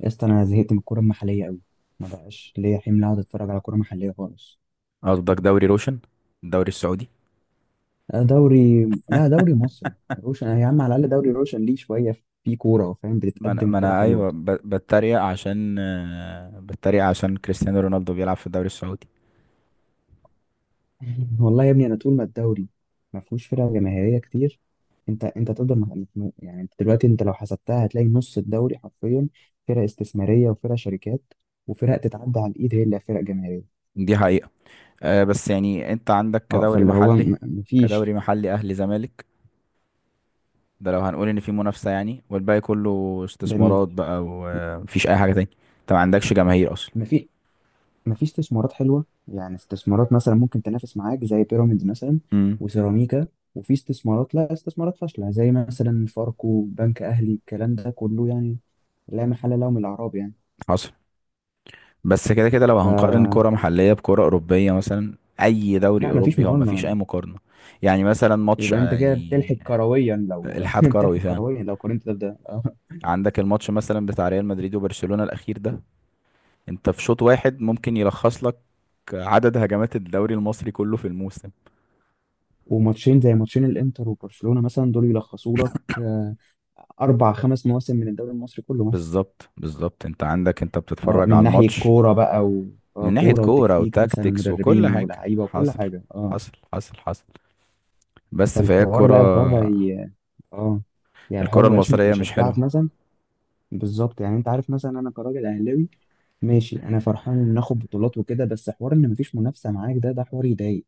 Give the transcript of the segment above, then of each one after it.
يا اسطى، انا زهقت من الكوره المحليه قوي. ما بقاش ليا حمل اقعد اتفرج على كوره محليه خالص. قصدك دوري روشن، الدوري السعودي. لا، دوري، لا دوري مصري روشن، يا عم، على الاقل دوري روشن ليه شويه. في كوره، فاهم، ما انا بتتقدم، ما كوره انا حلوه. ايوه بتريق عشان بتريق عشان كريستيانو رونالدو بيلعب في الدوري السعودي. والله يا ابني، انا طول ما الدوري ما فيهوش فرق جماهيريه كتير. انت تفضل مخنوق، يعني انت دلوقتي، انت لو حسبتها هتلاقي نص الدوري حرفيا فرق استثماريه وفرق شركات، وفرق تتعدى على الايد هي اللي فرق جماهيريه. دي حقيقة. بس يعني انت عندك اه، كدوري فاللي هو محلي، مفيش. كدوري محلي اهلي زمالك ده لو هنقول ان في منافسة، يعني والباقي كله جميل. استثمارات بقى ومفيش اي حاجة تاني. انت ما عندكش جماهير اصلا. مفيش مفيش استثمارات حلوه، يعني استثمارات مثلا ممكن تنافس معاك زي بيراميدز مثلا، امم. وسيراميكا. وفي استثمارات، لا، استثمارات فاشله زي مثلا فاركو، بنك اهلي، الكلام ده كله يعني لا محل له من الاعراب، يعني. حصل. بس كده كده لو هنقارن ف كرة محلية بكرة أوروبية، مثلا أي دوري لا، مفيش أوروبي، هو مفيش مقارنه. أي مقارنة. يعني مثلا ماتش يبقى انت كده بتلحق يعني كرويا لو الحاد بتلحق كروي فعلا. كرويا لو قارنت ده بده. آه. عندك الماتش مثلا بتاع ريال مدريد وبرشلونة الأخير ده، أنت في شوط واحد ممكن يلخص لك عدد هجمات الدوري المصري كله في الموسم. وماتشين زي ماتشين الانتر وبرشلونه مثلا، دول يلخصوا لك اربع خمس مواسم من الدوري المصري كله. بالظبط بالظبط. أنت عندك، أنت بتتفرج من على ناحية الماتش كورة بقى. من ناحية كورة كورة وتكتيك مثلا وتاكتكس وكل ومدربين حاجة. ولاعيبة وكل حصل حاجة، اه. حصل. بس فهي فالحوار الكرة، لا الحوار بقى. اه، يعني الحوار الكرة مبقاش المصرية مش حلوة. مشجعك مثلا. بالظبط، يعني انت عارف مثلا، انا كراجل اهلاوي، ماشي، انا فرحان ان ناخد بطولات وكده، بس حوار ان مفيش منافسة معاك ده حوار يضايق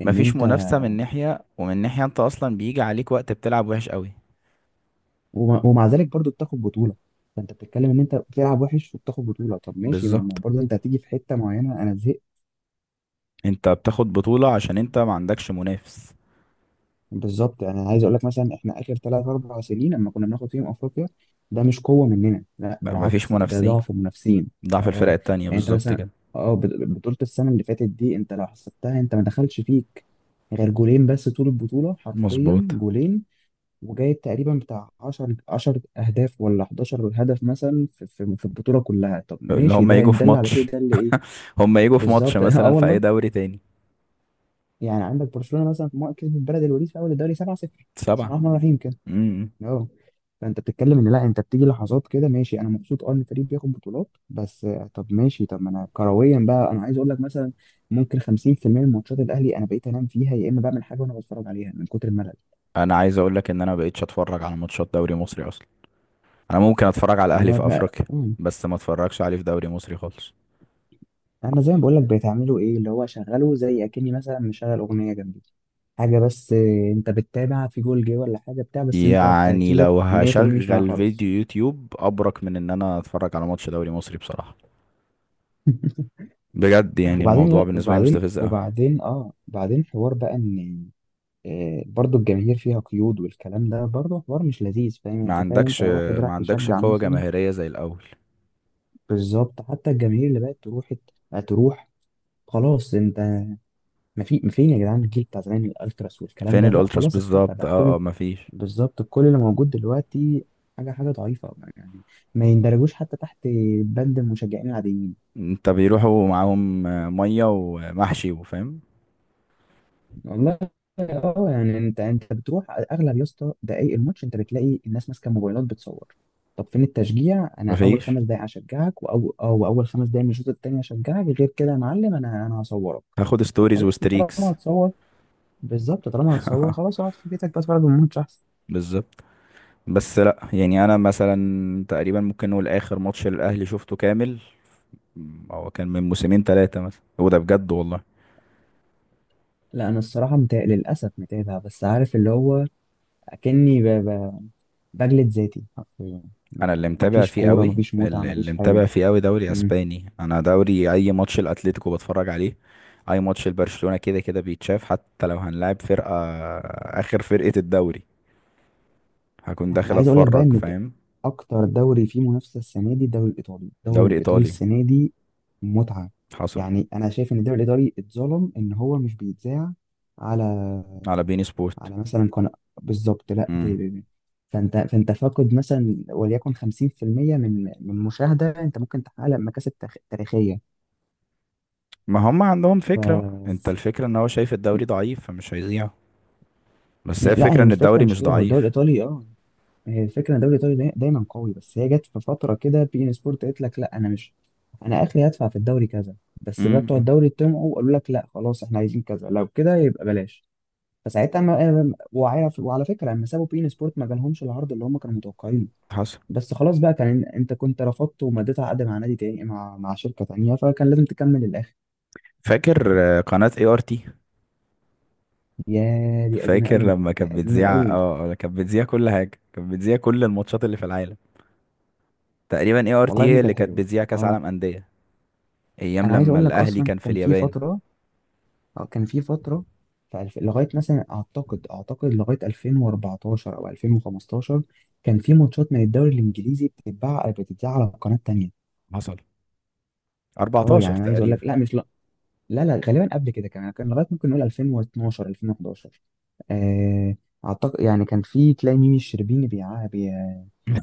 ان مفيش انت. منافسة من ناحية، ومن ناحية أنت أصلا بيجي عليك وقت بتلعب وحش قوي. ومع ذلك برضو بتاخد بطولة. فانت بتتكلم ان انت بتلعب وحش وبتاخد بطولة، طب ماشي، ما بالظبط، برضو انت هتيجي في حتة معينة، انا زهقت. أنت بتاخد بطولة عشان أنت ما عندكش منافس. بالظبط، يعني عايز اقول لك مثلا، احنا اخر ثلاث اربع سنين لما كنا بناخد فيهم افريقيا، ده مش قوه مننا، لا لا مفيش بالعكس، ده منافسين، ضعف المنافسين. ضعف الفرق اه، التانية يعني انت بالظبط مثلا كده. بطوله السنه اللي فاتت دي، انت لو حسبتها انت ما دخلش فيك غير جولين، بس طول البطوله حرفيا مظبوط. جولين، وجايب تقريبا بتاع 10 10 اهداف ولا 11 هدف مثلا في في البطوله كلها. طب اللي ماشي، هم ده يجوا ان في دل على شيء ماتش، ده اللي ايه. هم يجوا في ماتش بالظبط. اه مثلا في اي والله، دوري تاني. يعني عندك برشلونه مثلا في مرة كسبت بلد الوليد في اول الدوري 7-0. بسم سبعة. الله الرحمن الرحيم. امم. اه، فانت بتتكلم ان لا، انت بتيجي لحظات كده، ماشي انا مبسوط ان الفريق بياخد بطولات، بس طب ماشي، طب ما انا كرويا بقى، انا عايز اقول لك مثلا، ممكن 50% من ماتشات الاهلي انا بقيت انام فيها، يا اما بعمل حاجه وانا بتفرج عليها من كتر الملل. انا عايز اقول لك ان انا مبقتش اتفرج على ماتشات دوري مصري اصلا. انا ممكن اتفرج على يعني الاهلي انا في بقى افريقيا، مم. بس ما اتفرجش عليه في دوري مصري خالص. انا زي ما بقول لك، بتعملوا ايه اللي هو شغله، زي اكني مثلا مشغل اغنيه جنبي حاجه، بس انت بتتابع في جول جه ولا حاجه بتاع، بس انت يعني تركيزك لو 100% مش معايا هشغل فيديو خالص. يوتيوب ابرك من ان انا اتفرج على ماتش دوري مصري بصراحة. بجد يعني الموضوع وبعدين بالنسبة لي وبعدين مستفز قوي. وبعدين اه بعدين حوار بقى ان برضو الجماهير فيها قيود والكلام ده برضو حوار مش لذيذ، فاهم؟ ما يعني تخيل انت عندكش واحد ما راح عندكش تشجع قوة مثلا. جماهيرية زي الاول. بالظبط، حتى الجماهير اللي بقت تروح خلاص. انت ما فين يا جدعان الجيل بتاع زمان، الالتراس والكلام فين ده، لا الالتراس خلاص اختفى بالظبط. بقى اه كل. اه مفيش. بالظبط، كل اللي موجود دلوقتي حاجه حاجه ضعيفه، يعني ما يندرجوش حتى تحت بند المشجعين العاديين. انت بيروحوا معاهم ميه ومحشي وفاهم. والله. اه، يعني انت بتروح، اغلب يا اسطى دقايق الماتش انت بتلاقي الناس ماسكه موبايلات بتصور. طب فين التشجيع؟ انا اول مفيش، 5 دقايق هشجعك، واو او اول 5 دقايق من الشوط التاني هشجعك، غير كده يا معلم انا هصورك. هاخد طب ستوريز خلاص، ما طالما وستريكس. هتصور. بالظبط، طالما هتصور خلاص اقعد في بيتك بقى، اتفرج على الماتش احسن. بالظبط. بس لا يعني انا مثلا تقريبا ممكن نقول اخر ماتش للاهلي شفته كامل، هو كان من موسمين ثلاثه مثلا، وده بجد والله. لا، انا الصراحه للاسف متابع، بس عارف اللي هو اكني بجلد ذاتي حرفيا. انا اللي يعني متابع مفيش فيه كوره، قوي، مفيش متعه، اللي مفيش حاجه. متابع فيه قوي دوري اسباني. انا دوري اي ماتش الاتليتيكو بتفرج عليه. اي ماتش لبرشلونه كده كده بيتشاف، حتى لو هنلعب فرقه، اخر فرقه الدوري، هكون يعني انا داخل عايز اقول لك بقى اتفرج ان ده فاهم. اكتر دوري فيه منافسه السنه دي، الدوري الايطالي. الدوري دوري الايطالي ايطالي. السنه دي متعه. حصل. يعني انا شايف ان الدوري الايطالي اتظلم ان هو مش بيتذاع على على بين سبورت. على مثلا قناه. بالظبط، لا امم. فانت فاقد مثلا وليكن 50% من مشاهده، انت ممكن تحقق لك مكاسب تاريخيه. ما هم عندهم فكرة بقى، ف انت الفكرة ان هو شايف الدوري ضعيف فمش هيذيع. بس هي لا، الفكرة هي ان مش فكره، الدوري مش مش كده، هو الدوري ضعيف. الايطالي. اه هي الفكره ان الدوري الايطالي دايما قوي، بس هي جت في فتره كده بي ان سبورت قالت لك لا، انا مش انا اخري هدفع في الدوري كذا، بس بقى بتوع امم. الدوري طمعوا وقالوا لك لا خلاص، احنا عايزين كذا، لو كده يبقى بلاش. فساعتها ما... آه، وعلى... وعلى فكره، لما سابوا بي ان سبورت ما جالهمش العرض اللي هم كانوا متوقعينه. حصل. بس خلاص بقى، كان انت كنت رفضت ومضيت عقد مع نادي تاني، مع شركه تانيه، فكان لازم تكمل للاخر. فاكر قناة اي ار تي. يا دي قديمه فاكر قوي، لما دي كانت قديمه بتذيع، قوي. اه كانت بتذيع كل حاجة، كانت بتذيع كل الماتشات اللي في العالم تقريبا. اي ار والله يا تي هي ابني اللي كانت كانت حلوه، بتذيع كاس اه. عالم أندية، ايام انا عايز لما اقول لك الاهلي اصلا كان في اليابان. كان في فترة، لغاية مثلا، أعتقد لغاية 2014 أو 2015 كان في ماتشات من الدوري الإنجليزي بتتذاع على قناة تانية. حصل. اه، يعني 14 أنا عايز أقول لك تقريبا. لا، مش لا، لا غالبا قبل كده كمان كان لغاية ممكن نقول 2012 2011. آه، أعتقد، يعني كان في، تلاقي ميمي الشربيني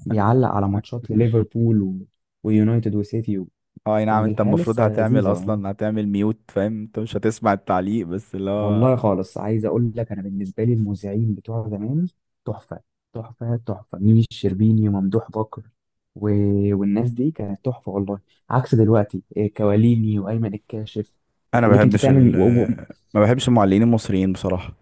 بيعلق على ماتشات لليفربول، و... ويونايتد وسيتي. و... اه اي نعم. كانت انت الحياة المفروض لسه هتعمل لذيذة والله. اصلا، هتعمل ميوت فاهم، انت مش هتسمع التعليق بس اللي هو. والله خالص عايز اقول لك، انا بالنسبه لي المذيعين بتوع زمان تحفه تحفه تحفه، ميمي الشربيني وممدوح بكر، و... والناس دي كانت تحفه والله، عكس دلوقتي، كواليني وايمن الكاشف، انا ما يخليك انت بحبش ال، تعمل. و... و... ما بحبش المعلقين المصريين بصراحة.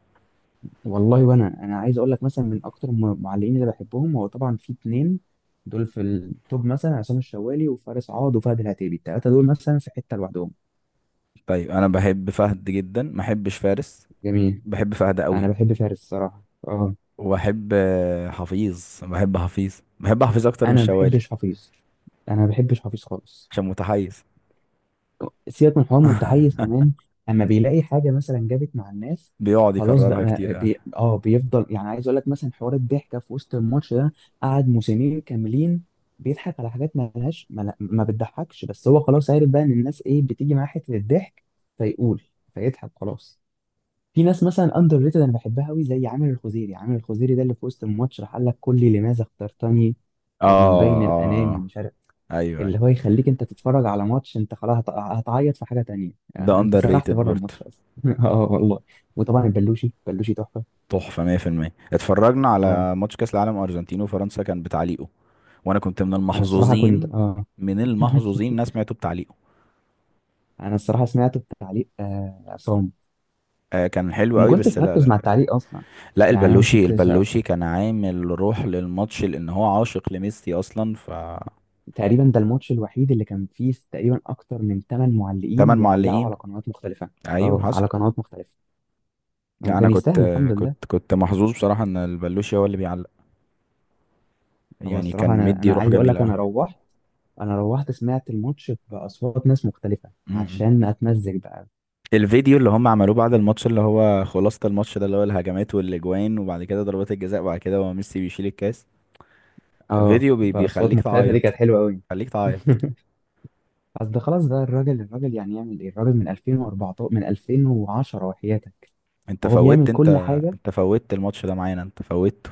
والله، وانا عايز اقول لك مثلا من اكتر المعلقين اللي بحبهم، هو طبعا في اتنين دول في التوب، مثلا عصام الشوالي وفارس عوض وفهد العتيبي، التلاته دول مثلا في حته لوحدهم. طيب انا بحب فهد جدا، ما بحبش فارس. جميل. بحب فهد انا قوي. بحب فارس، الصراحه، اه. وبحب حفيظ، بحب حفيظ، بحب حفيظ اكتر من انا ما الشوالي. بحبش حفيظ، انا ما بحبش حفيظ خالص. عشان متحيز. سيبك من حوار متحيز كمان، اما بيلاقي حاجه مثلا جابت مع الناس بيقعد خلاص بقى، يكررها ما كتير. اه بي... اه بيفضل، يعني عايز اقول لك مثلا، حوار الضحكه في وسط الماتش ده قعد موسمين كاملين بيضحك على حاجات ما لهاش، ما بتضحكش، بس هو خلاص عارف بقى ان الناس ايه بتيجي معاه حته الضحك، فيقول فيضحك خلاص. في ناس مثلا اندر ريتد انا بحبها قوي، زي عامر الخزيري. عامر الخزيري ده اللي في وسط الماتش راح قال لك كلي لماذا اخترتني، اه ومن بين اه الانامي آه. مش عارف، ايوه ايوه. اللي هو يخليك انت تتفرج على ماتش، انت خلاص هتعيط في حاجه تانية، ده يعني انت اندر سرحت ريتد بره برضه. الماتش اصلا. اه والله. وطبعا البلوشي، بلوشي تحفه. تحفة 100%. اتفرجنا اه، على ماتش كاس العالم ارجنتين وفرنسا كان بتعليقه. وانا كنت من انا الصراحه كنت المحظوظين، اه من المحظوظين إن انا سمعته بتعليقه. انا الصراحه سمعت التعليق عصام، آه كان حلو ما قوي. كنتش بس لا مركز مع لا التعليق اصلا. لا يعني انا ما البلوشي، كنتش، البلوشي كان عامل روح للماتش لان هو عاشق لميسي اصلا. ف، تقريبا ده الماتش الوحيد اللي كان فيه تقريبا اكتر من 8 معلقين تمن بيعلقوا معلقين. على قنوات مختلفه. ايوه اه، حصل. على قنوات مختلفه، لا انا وكان كنت، يستاهل الحمد لله. كنت محظوظ بصراحه ان البلوشي هو اللي بيعلق. هو يعني كان الصراحة، أنا مدي أنا روح عايز أقول جميله لك، قوي. أنا روحت سمعت الماتش بأصوات ناس مختلفة م-م. عشان أتمزج بقى. الفيديو اللي هم عملوه بعد الماتش، اللي هو خلاصة الماتش ده، اللي هو الهجمات والاجوان، وبعد كده ضربات الجزاء، وبعد كده هو ميسي بيشيل الكاس. أه، فيديو بي بأصوات بيخليك مختلفة دي تعيط، كانت حلوة أوي. خليك تعيط. أصل خلاص بقى، الراجل الراجل يعني يعمل إيه الراجل، من 2014 من 2010 وحياتك انت وهو فوتت بيعمل انت كل حاجة. انت فوتت الماتش ده معانا، انت فوتته.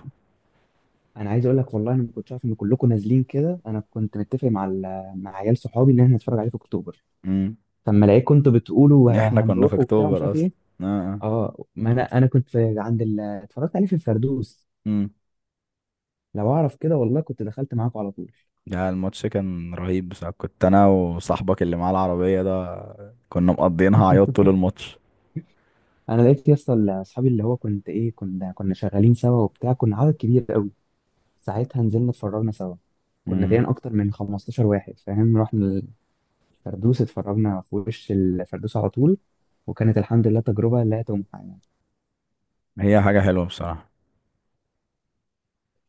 أنا عايز أقول لك والله، أنا ما كنتش عارف إن كلكم نازلين كده، أنا كنت متفق مع مع عيال صحابي إن إحنا نتفرج عليه في أكتوبر، امم. فلما لقيت كنتوا بتقولوا احنا كنا في هنروح وبتاع ومش اكتوبر عارف اصلا. إيه. اه آه. أه، ما أنا كنت في اتفرجت عليه في الفردوس. امم. لو اعرف كده والله كنت دخلت معاكم على طول. ده الماتش كان رهيب بصراحة. كنت انا وصاحبك اللي معاه العربية ده كنا مقضيينها عياط طول الماتش. انا لقيت يا اسطى اصحابي، اللي هو كنت ايه كنا كنا شغالين سوا وبتاع، كنا عدد كبير قوي، ساعتها نزلنا اتفرجنا سوا، كنا امم. تقريبا اكتر من 15 واحد فاهم، رحنا الفردوس، اتفرجنا في وش الفردوس على طول، وكانت الحمد لله تجربه لا تمحى، يعني. هي حاجة حلوة بصراحة.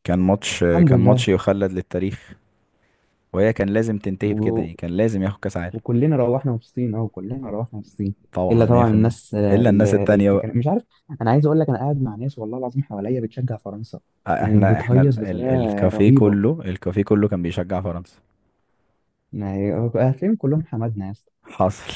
كان ماتش، الحمد كان لله، ماتش يخلد للتاريخ. وهي كان لازم تنتهي بكده، و... يعني كان لازم ياخد كاس عالم. وكلنا روحنا مبسوطين، اه، كلنا روحنا مبسوطين. طبعا الا طبعا 100%. الناس، الا الناس اللي التانية اللي بقى. كان مش عارف. انا عايز اقول لك انا قاعد مع ناس والله العظيم حواليا بتشجع فرنسا، احنا وبتهيص ال ال بطريقه الكافيه رهيبه، كله، الكافيه كله كان بيشجع فرنسا. يعني هتلاقيهم كلهم حمادنا يا اسطى، حصل.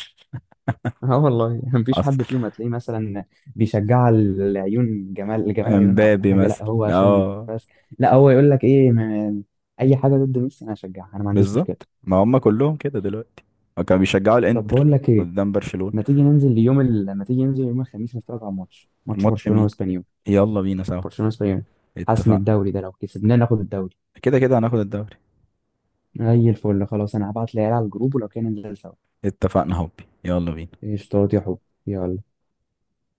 اه والله. مفيش حد حصل. فيهم هتلاقيه مثلا بيشجع العيون، جمال جمال عيونها ولا امبابي حاجه، لا مثلا هو عشان اه. بس. لا، هو يقول لك ايه، اي حاجه ضد ميسي انا هشجعها، انا ما عنديش مشكله. بالظبط، ما هم كلهم كده دلوقتي. كانوا بيشجعوا طب الانتر بقول لك ايه، قدام برشلونة. ما تيجي ننزل اليوم ال... ما تيجي ننزل يوم الخميس نتفرج على ماتش ماتش برشلونه مين؟ واسبانيول. يلا بينا سوا. برشلونه وسبانيول، حسم اتفقنا. الدوري، ده لو كسبناه ناخد الدوري، كده كده هناخد الدوري. زي الفل. خلاص، انا هبعت العيال على الجروب، ولو كان ننزل سوا. اتفقنا، هوبي يلا بينا. قشطات يا حب، يلا.